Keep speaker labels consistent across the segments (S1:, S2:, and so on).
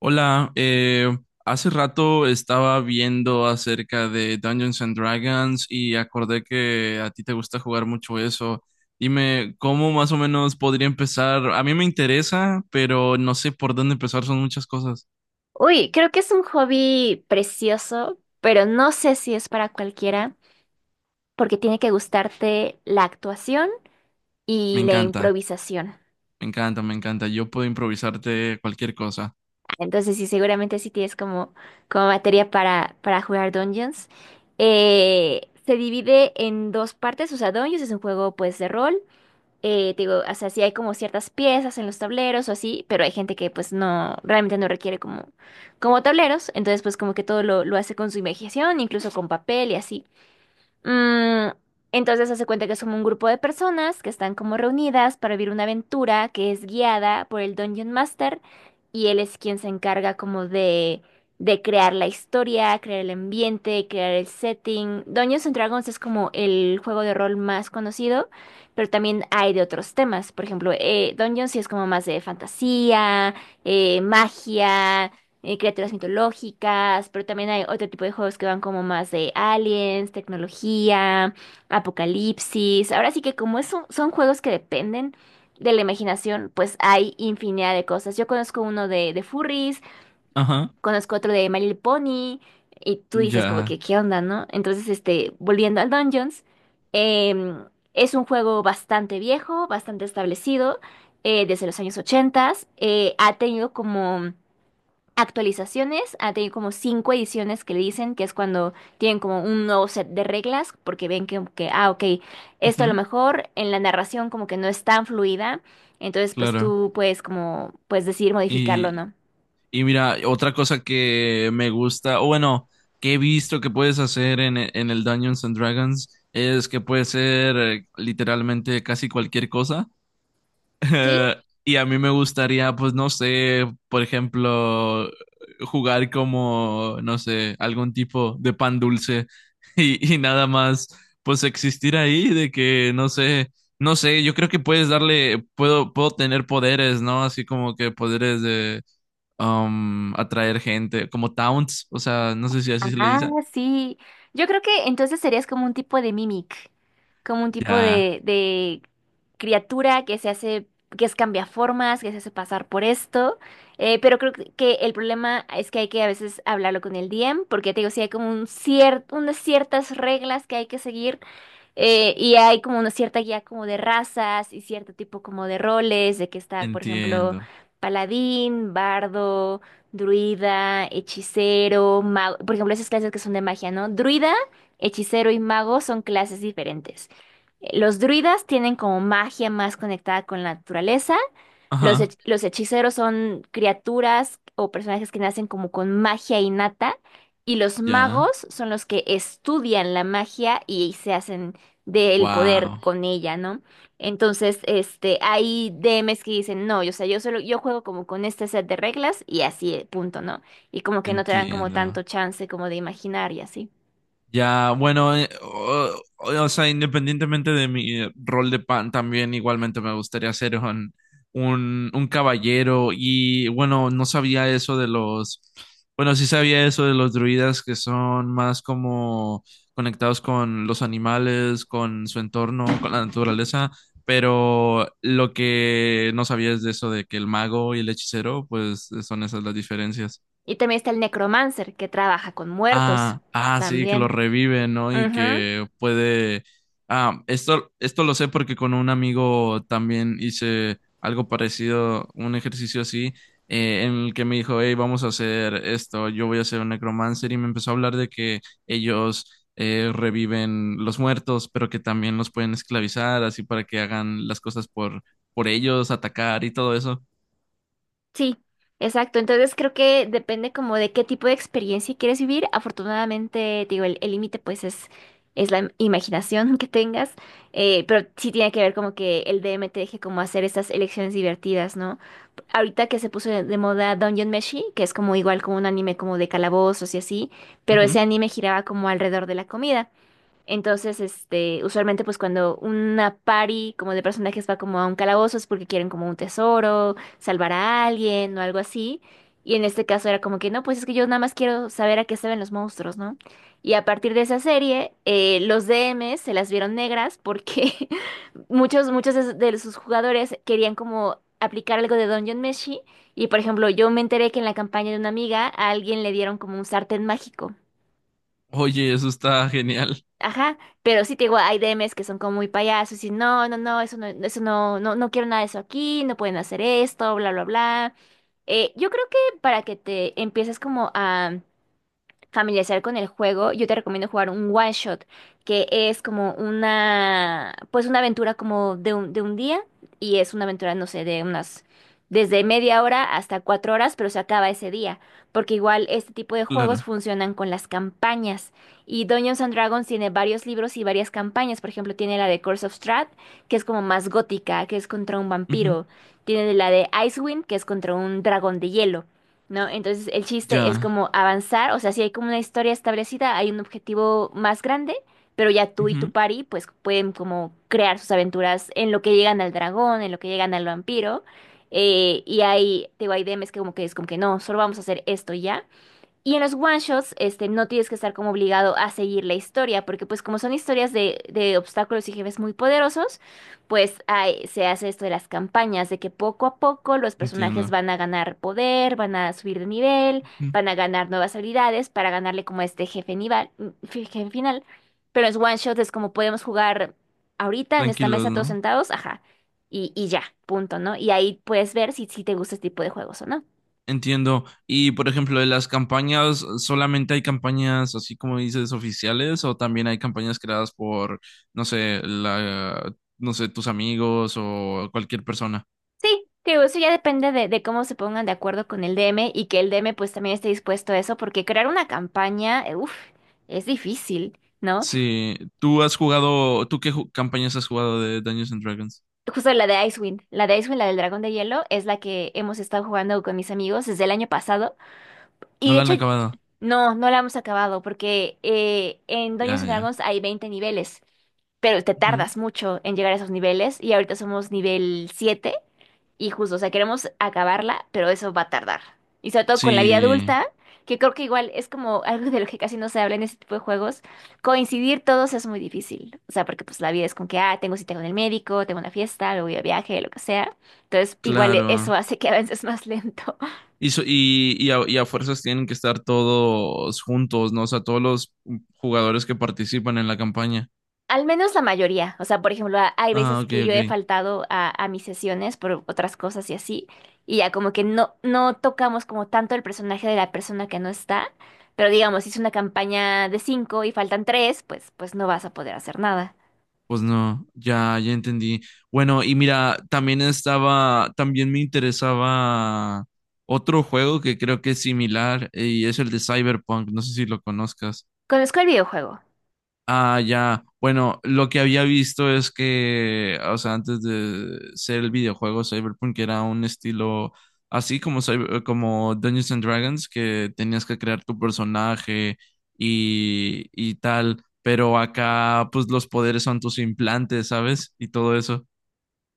S1: Hola, hace rato estaba viendo acerca de Dungeons and Dragons y acordé que a ti te gusta jugar mucho eso. Dime, ¿cómo más o menos podría empezar? A mí me interesa, pero no sé por dónde empezar, son muchas cosas.
S2: Uy, creo que es un hobby precioso, pero no sé si es para cualquiera, porque tiene que gustarte la actuación
S1: Me
S2: y la
S1: encanta,
S2: improvisación.
S1: me encanta, me encanta. Yo puedo improvisarte cualquier cosa.
S2: Entonces, sí, seguramente sí tienes como materia para jugar Dungeons. Se divide en dos partes, o sea, Dungeons es un juego pues de rol. Te digo, o sea, sí hay como ciertas piezas en los tableros o así, pero hay gente que pues no, realmente no requiere como tableros, entonces pues como que todo lo hace con su imaginación, incluso con papel y así. Mm, entonces hace cuenta que somos un grupo de personas que están como reunidas para vivir una aventura que es guiada por el Dungeon Master, y él es quien se encarga como de crear la historia, crear el ambiente, crear el setting. Dungeons and Dragons es como el juego de rol más conocido, pero también hay de otros temas. Por ejemplo, Dungeons sí es como más de fantasía, magia, criaturas mitológicas, pero también hay otro tipo de juegos que van como más de aliens, tecnología, apocalipsis. Ahora sí que como son juegos que dependen de la imaginación, pues hay infinidad de cosas. Yo conozco uno de furries,
S1: Ajá,
S2: conozco otro de My Little Pony, y tú dices como
S1: ya.
S2: que, ¿qué onda, no? Entonces, este, volviendo al Dungeons, em, es un juego bastante viejo, bastante establecido, desde los años 80. Ha tenido como actualizaciones, ha tenido como cinco ediciones que le dicen, que es cuando tienen como un nuevo set de reglas, porque ven que, ah, ok, esto
S1: Ujú,
S2: a lo mejor en la narración como que no es tan fluida, entonces pues
S1: claro.
S2: tú puedes como, pues decidir modificarlo, ¿no?
S1: Y mira, otra cosa que me gusta, o bueno, que he visto que puedes hacer en, en el Dungeons and Dragons es que puede ser literalmente casi cualquier cosa.
S2: ¿Sí?
S1: Y a mí me gustaría, pues no sé, por ejemplo, jugar como, no sé, algún tipo de pan dulce y nada más, pues existir ahí de que, no sé, no sé, yo creo que puedes darle, puedo, puedo tener poderes, ¿no? Así como que poderes de atraer gente, como towns, o sea, no sé si así se le
S2: Ah,
S1: dice.
S2: sí. Yo creo que entonces serías como un tipo de mimic, como un tipo
S1: Ya,
S2: de criatura que se hace, que es cambiaformas, que se hace pasar por esto. Pero creo que el problema es que hay que a veces hablarlo con el DM, porque te digo, sí hay como un cierto, unas ciertas reglas que hay que seguir, y hay como una cierta guía como de razas y cierto tipo como de roles, de que está, por ejemplo,
S1: entiendo.
S2: paladín, bardo, druida, hechicero, mago. Por ejemplo, esas clases que son de magia, ¿no? Druida, hechicero y mago son clases diferentes. Los druidas tienen como magia más conectada con la naturaleza. Los,
S1: Ajá,
S2: hech- los hechiceros son criaturas o personajes que nacen como con magia innata. Y los
S1: ya.
S2: magos son los que estudian la magia y se hacen del poder
S1: Wow,
S2: con ella, ¿no? Entonces, este, hay DMs que dicen, no, yo, o sea, yo solo, yo juego como con este set de reglas y así, punto, ¿no? Y como que no te dan como
S1: entiendo.
S2: tanto chance como de imaginar y así.
S1: Ya, bueno, o, o sea, independientemente de mi rol de pan, también igualmente me gustaría ser un caballero. Y bueno, no sabía eso de los, bueno, sí sabía eso de los druidas que son más como conectados con los animales, con su entorno, con la naturaleza, pero lo que no sabía es de eso de que el mago y el hechicero, pues son esas las diferencias.
S2: Y también está el necromancer que trabaja con muertos
S1: Ah, ah, sí, que lo
S2: también.
S1: revive, ¿no? Y
S2: Ujú.
S1: que puede. Ah, esto lo sé porque con un amigo también hice algo parecido, un ejercicio así, en el que me dijo, hey, vamos a hacer esto, yo voy a hacer un necromancer, y me empezó a hablar de que ellos reviven los muertos, pero que también los pueden esclavizar, así para que hagan las cosas por ellos, atacar y todo eso.
S2: Sí, exacto. Entonces creo que depende como de qué tipo de experiencia quieres vivir. Afortunadamente, te digo, el límite pues es la imaginación que tengas, pero sí tiene que ver como que el D M te deje como hacer estas elecciones divertidas, ¿no? Ahorita que se puso de moda Dungeon Meshi, que es como igual como un anime como de calabozos y así, pero ese
S1: Ujú.
S2: anime giraba como alrededor de la comida. Entonces, este, usualmente pues cuando una party como de personajes va como a un calabozo es porque quieren como un tesoro, salvar a alguien o algo así. Y en este caso era como que no, pues es que yo nada más quiero saber a qué se ven los monstruos, ¿no? Y a partir de esa serie, los DMs se las vieron negras porque muchos, muchos de sus jugadores querían como aplicar algo de Dungeon Meshi. Y por ejemplo, yo me enteré que en la campaña de una amiga a alguien le dieron como un sartén mágico.
S1: Oye, eso está genial,
S2: Ajá, pero sí te digo, hay DMs que son como muy payasos y no, no, no, eso no, eso no, no, no quiero nada de eso aquí, no pueden hacer esto, bla, bla, bla. Yo creo que para que te empieces como a familiarizar con el juego, yo te recomiendo jugar un one shot, que es como una, pues una aventura como de un día, y es una aventura, no sé, de unas, desde media hora hasta 4 horas, pero se acaba ese día, porque igual este tipo de juegos
S1: claro.
S2: funcionan con las campañas, y Dungeons and Dragons tiene varios libros y varias campañas. Por ejemplo, tiene la de Curse of Strahd, que es como más gótica, que es contra un
S1: Ujú.
S2: vampiro; tiene la de Icewind, que es contra un dragón de hielo. ¿No? Entonces el chiste es
S1: Ya.
S2: como avanzar, o sea, si hay como una historia establecida, hay un objetivo más grande, pero ya tú y tu
S1: Ujú.
S2: pari pues pueden como crear sus aventuras en lo que llegan al dragón, en lo que llegan al vampiro, y hay, te digo, hay DMs que como que es como que no, solo vamos a hacer esto y ya, y en los one shots, este, no tienes que estar como obligado a seguir la historia, porque pues como son historias de obstáculos y jefes muy poderosos, pues se hace esto de las campañas, de que poco a poco los personajes
S1: Entiendo.
S2: van a ganar poder, van a subir de nivel,
S1: Mm,
S2: van a ganar nuevas habilidades para ganarle como a este jefe nivel, jefe final. Pero en los one shots es como podemos jugar ahorita en esta
S1: tranquilos,
S2: mesa todos
S1: ¿no?
S2: sentados, ajá, y ya, punto, ¿no? Y ahí puedes ver si te gusta este tipo de juegos o no.
S1: Entiendo. Y por ejemplo, de las campañas, ¿solamente hay campañas así como dices oficiales o también hay campañas creadas por, no sé, la, no sé, tus amigos o cualquier persona?
S2: Sí, digo, eso ya depende de cómo se pongan de acuerdo con el DM, y que el DM pues también esté dispuesto a eso, porque crear una campaña, uf, es difícil, ¿no?
S1: Sí, ¿tú has jugado, tú qué campañas has jugado de Dungeons and Dragons?
S2: Justo la de Icewind, la del dragón de hielo, es la que hemos estado jugando con mis amigos desde el año pasado. Y
S1: ¿No
S2: de
S1: la han
S2: hecho,
S1: acabado?
S2: no, no la hemos acabado, porque en Dungeons
S1: Ya,
S2: and
S1: ya.
S2: Dragons hay 20 niveles, pero te
S1: Ujú.
S2: tardas mucho en llegar a esos niveles y ahorita somos nivel 7. Y justo, o sea, queremos acabarla, pero eso va a tardar. Y sobre todo con la vida
S1: Sí,
S2: adulta, que creo que igual es como algo de lo que casi no se habla en este tipo de juegos, coincidir todos es muy difícil. O sea, porque pues la vida es con que, ah, tengo cita con el médico, tengo una fiesta, luego voy a viaje, lo que sea. Entonces, igual e-
S1: claro.
S2: eso hace que avances más lento.
S1: Y, y a fuerzas tienen que estar todos juntos, ¿no? O sea, todos los jugadores que participan en la campaña.
S2: Al menos la mayoría. O sea, por ejemplo, hay
S1: Ah,
S2: veces
S1: ok,
S2: que yo he
S1: ok.
S2: faltado a mis sesiones por otras cosas y así, y ya como que no, no tocamos como tanto el personaje de la persona que no está, pero digamos, si es una campaña de cinco y faltan tres, pues, no vas a poder hacer nada.
S1: Pues no, ya, ya entendí. Bueno, y mira, también estaba, también me interesaba otro juego que creo que es similar y es el de Cyberpunk. No sé si lo conozcas.
S2: Conozco el videojuego.
S1: Ah, ya. Bueno, lo que había visto es que, o sea, antes de ser el videojuego Cyberpunk era un estilo así como, como Dungeons and Dragons, que tenías que crear tu personaje y tal, pero acá pues los poderes son tus implantes, ¿sabes? Y todo eso.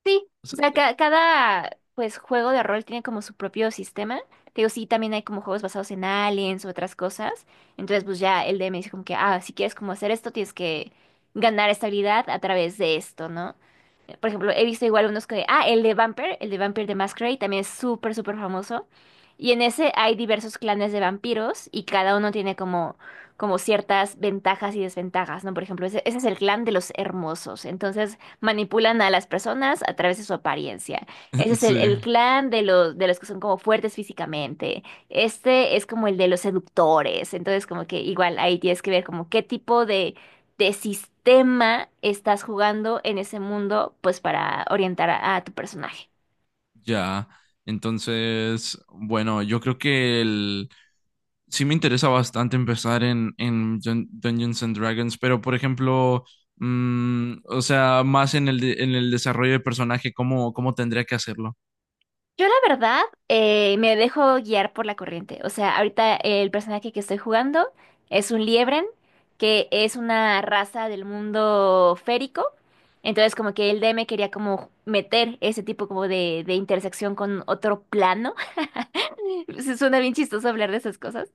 S2: Sí, o sea, cada pues juego de rol tiene como su propio sistema. Te digo, sí, también hay como juegos basados en aliens u otras cosas. Entonces, pues ya el DM dice como que, ah, si quieres como hacer esto, tienes que ganar esta habilidad a través de esto, ¿no? Por ejemplo, he visto igual unos que, ah, el de Vampire de Masquerade también es súper, súper famoso. Y en ese hay diversos clanes de vampiros y cada uno tiene como ciertas ventajas y desventajas, ¿no? Por ejemplo, ese es el clan de los hermosos. Entonces manipulan a las personas a través de su apariencia. Ese es el,
S1: Sí,
S2: el clan de los que son como fuertes físicamente. Este es como el de los seductores. Entonces como que igual ahí tienes que ver como qué tipo de sistema estás jugando en ese mundo, pues para orientar a tu personaje.
S1: ya. Entonces, bueno, yo creo que el sí me interesa bastante empezar en Dungeons and Dragons, pero por ejemplo, mm, o sea, más en el, en el desarrollo de personaje, ¿cómo, cómo tendría que hacerlo?
S2: Yo la verdad me dejo guiar por la corriente. O sea, ahorita el personaje que estoy jugando es un liebren, que es una raza del mundo férico. Entonces como que el DM quería como meter ese tipo como de intersección con otro plano. Se Suena bien chistoso hablar de esas cosas.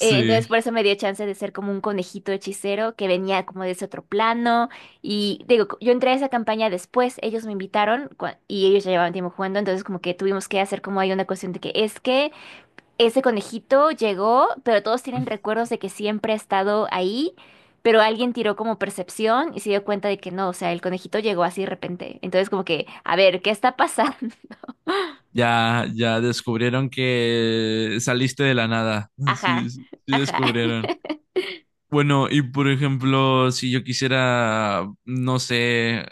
S2: Entonces por eso me dio chance de ser como un conejito hechicero que venía como de ese otro plano. Y digo, yo entré a esa campaña después, ellos me invitaron y ellos ya llevaban tiempo jugando, entonces como que tuvimos que hacer como hay una cuestión de que es que ese conejito llegó, pero todos tienen recuerdos de que siempre ha estado ahí, pero alguien tiró como percepción y se dio cuenta de que no, o sea, el conejito llegó así de repente. Entonces como que, a ver, ¿qué está pasando?
S1: Ya, ya descubrieron que saliste de la nada. Sí,
S2: Ajá,
S1: sí
S2: ajá.
S1: descubrieron. Bueno, y por ejemplo, si yo quisiera, no sé,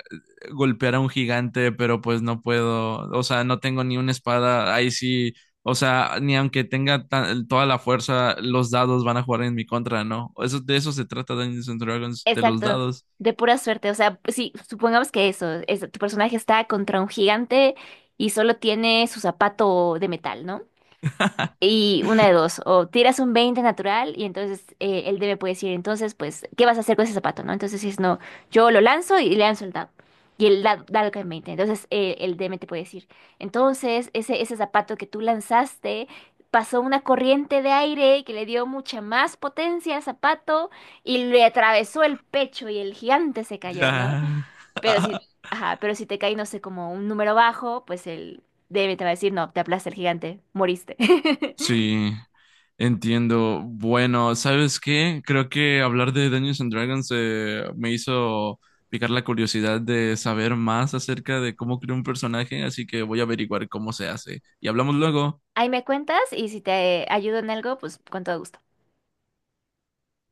S1: golpear a un gigante, pero pues no puedo, o sea, no tengo ni una espada, ahí sí, o sea, ni aunque tenga toda la fuerza, los dados van a jugar en mi contra, ¿no? Eso, de eso se trata Dungeons and Dragons, de los
S2: Exacto,
S1: dados.
S2: de pura suerte. O sea, sí, supongamos que eso, tu personaje está contra un gigante y solo tiene su zapato de metal, ¿no? Y una de dos, o tiras un 20 natural y entonces el DM puede decir, entonces, pues, ¿qué vas a hacer con ese zapato, no? Entonces dices, no, yo lo lanzo y le lanzo el dado. Y el dado, cae en 20. Entonces el DM te puede decir, entonces ese zapato que tú lanzaste pasó una corriente de aire que le dio mucha más potencia al zapato, y le atravesó el pecho, y el gigante se cayó, ¿no?
S1: Ya.
S2: Pero si, ajá, pero si te cae, no sé, como un número bajo, pues el DM te va a decir, no, te aplasta el gigante, moriste.
S1: Sí. Entiendo. Bueno, ¿sabes qué? Creo que hablar de Dungeons and Dragons me hizo picar la curiosidad de saber más acerca de cómo crear un personaje, así que voy a averiguar cómo se hace. Y hablamos luego.
S2: Ahí me cuentas, y si te ayudo en algo, pues con todo gusto.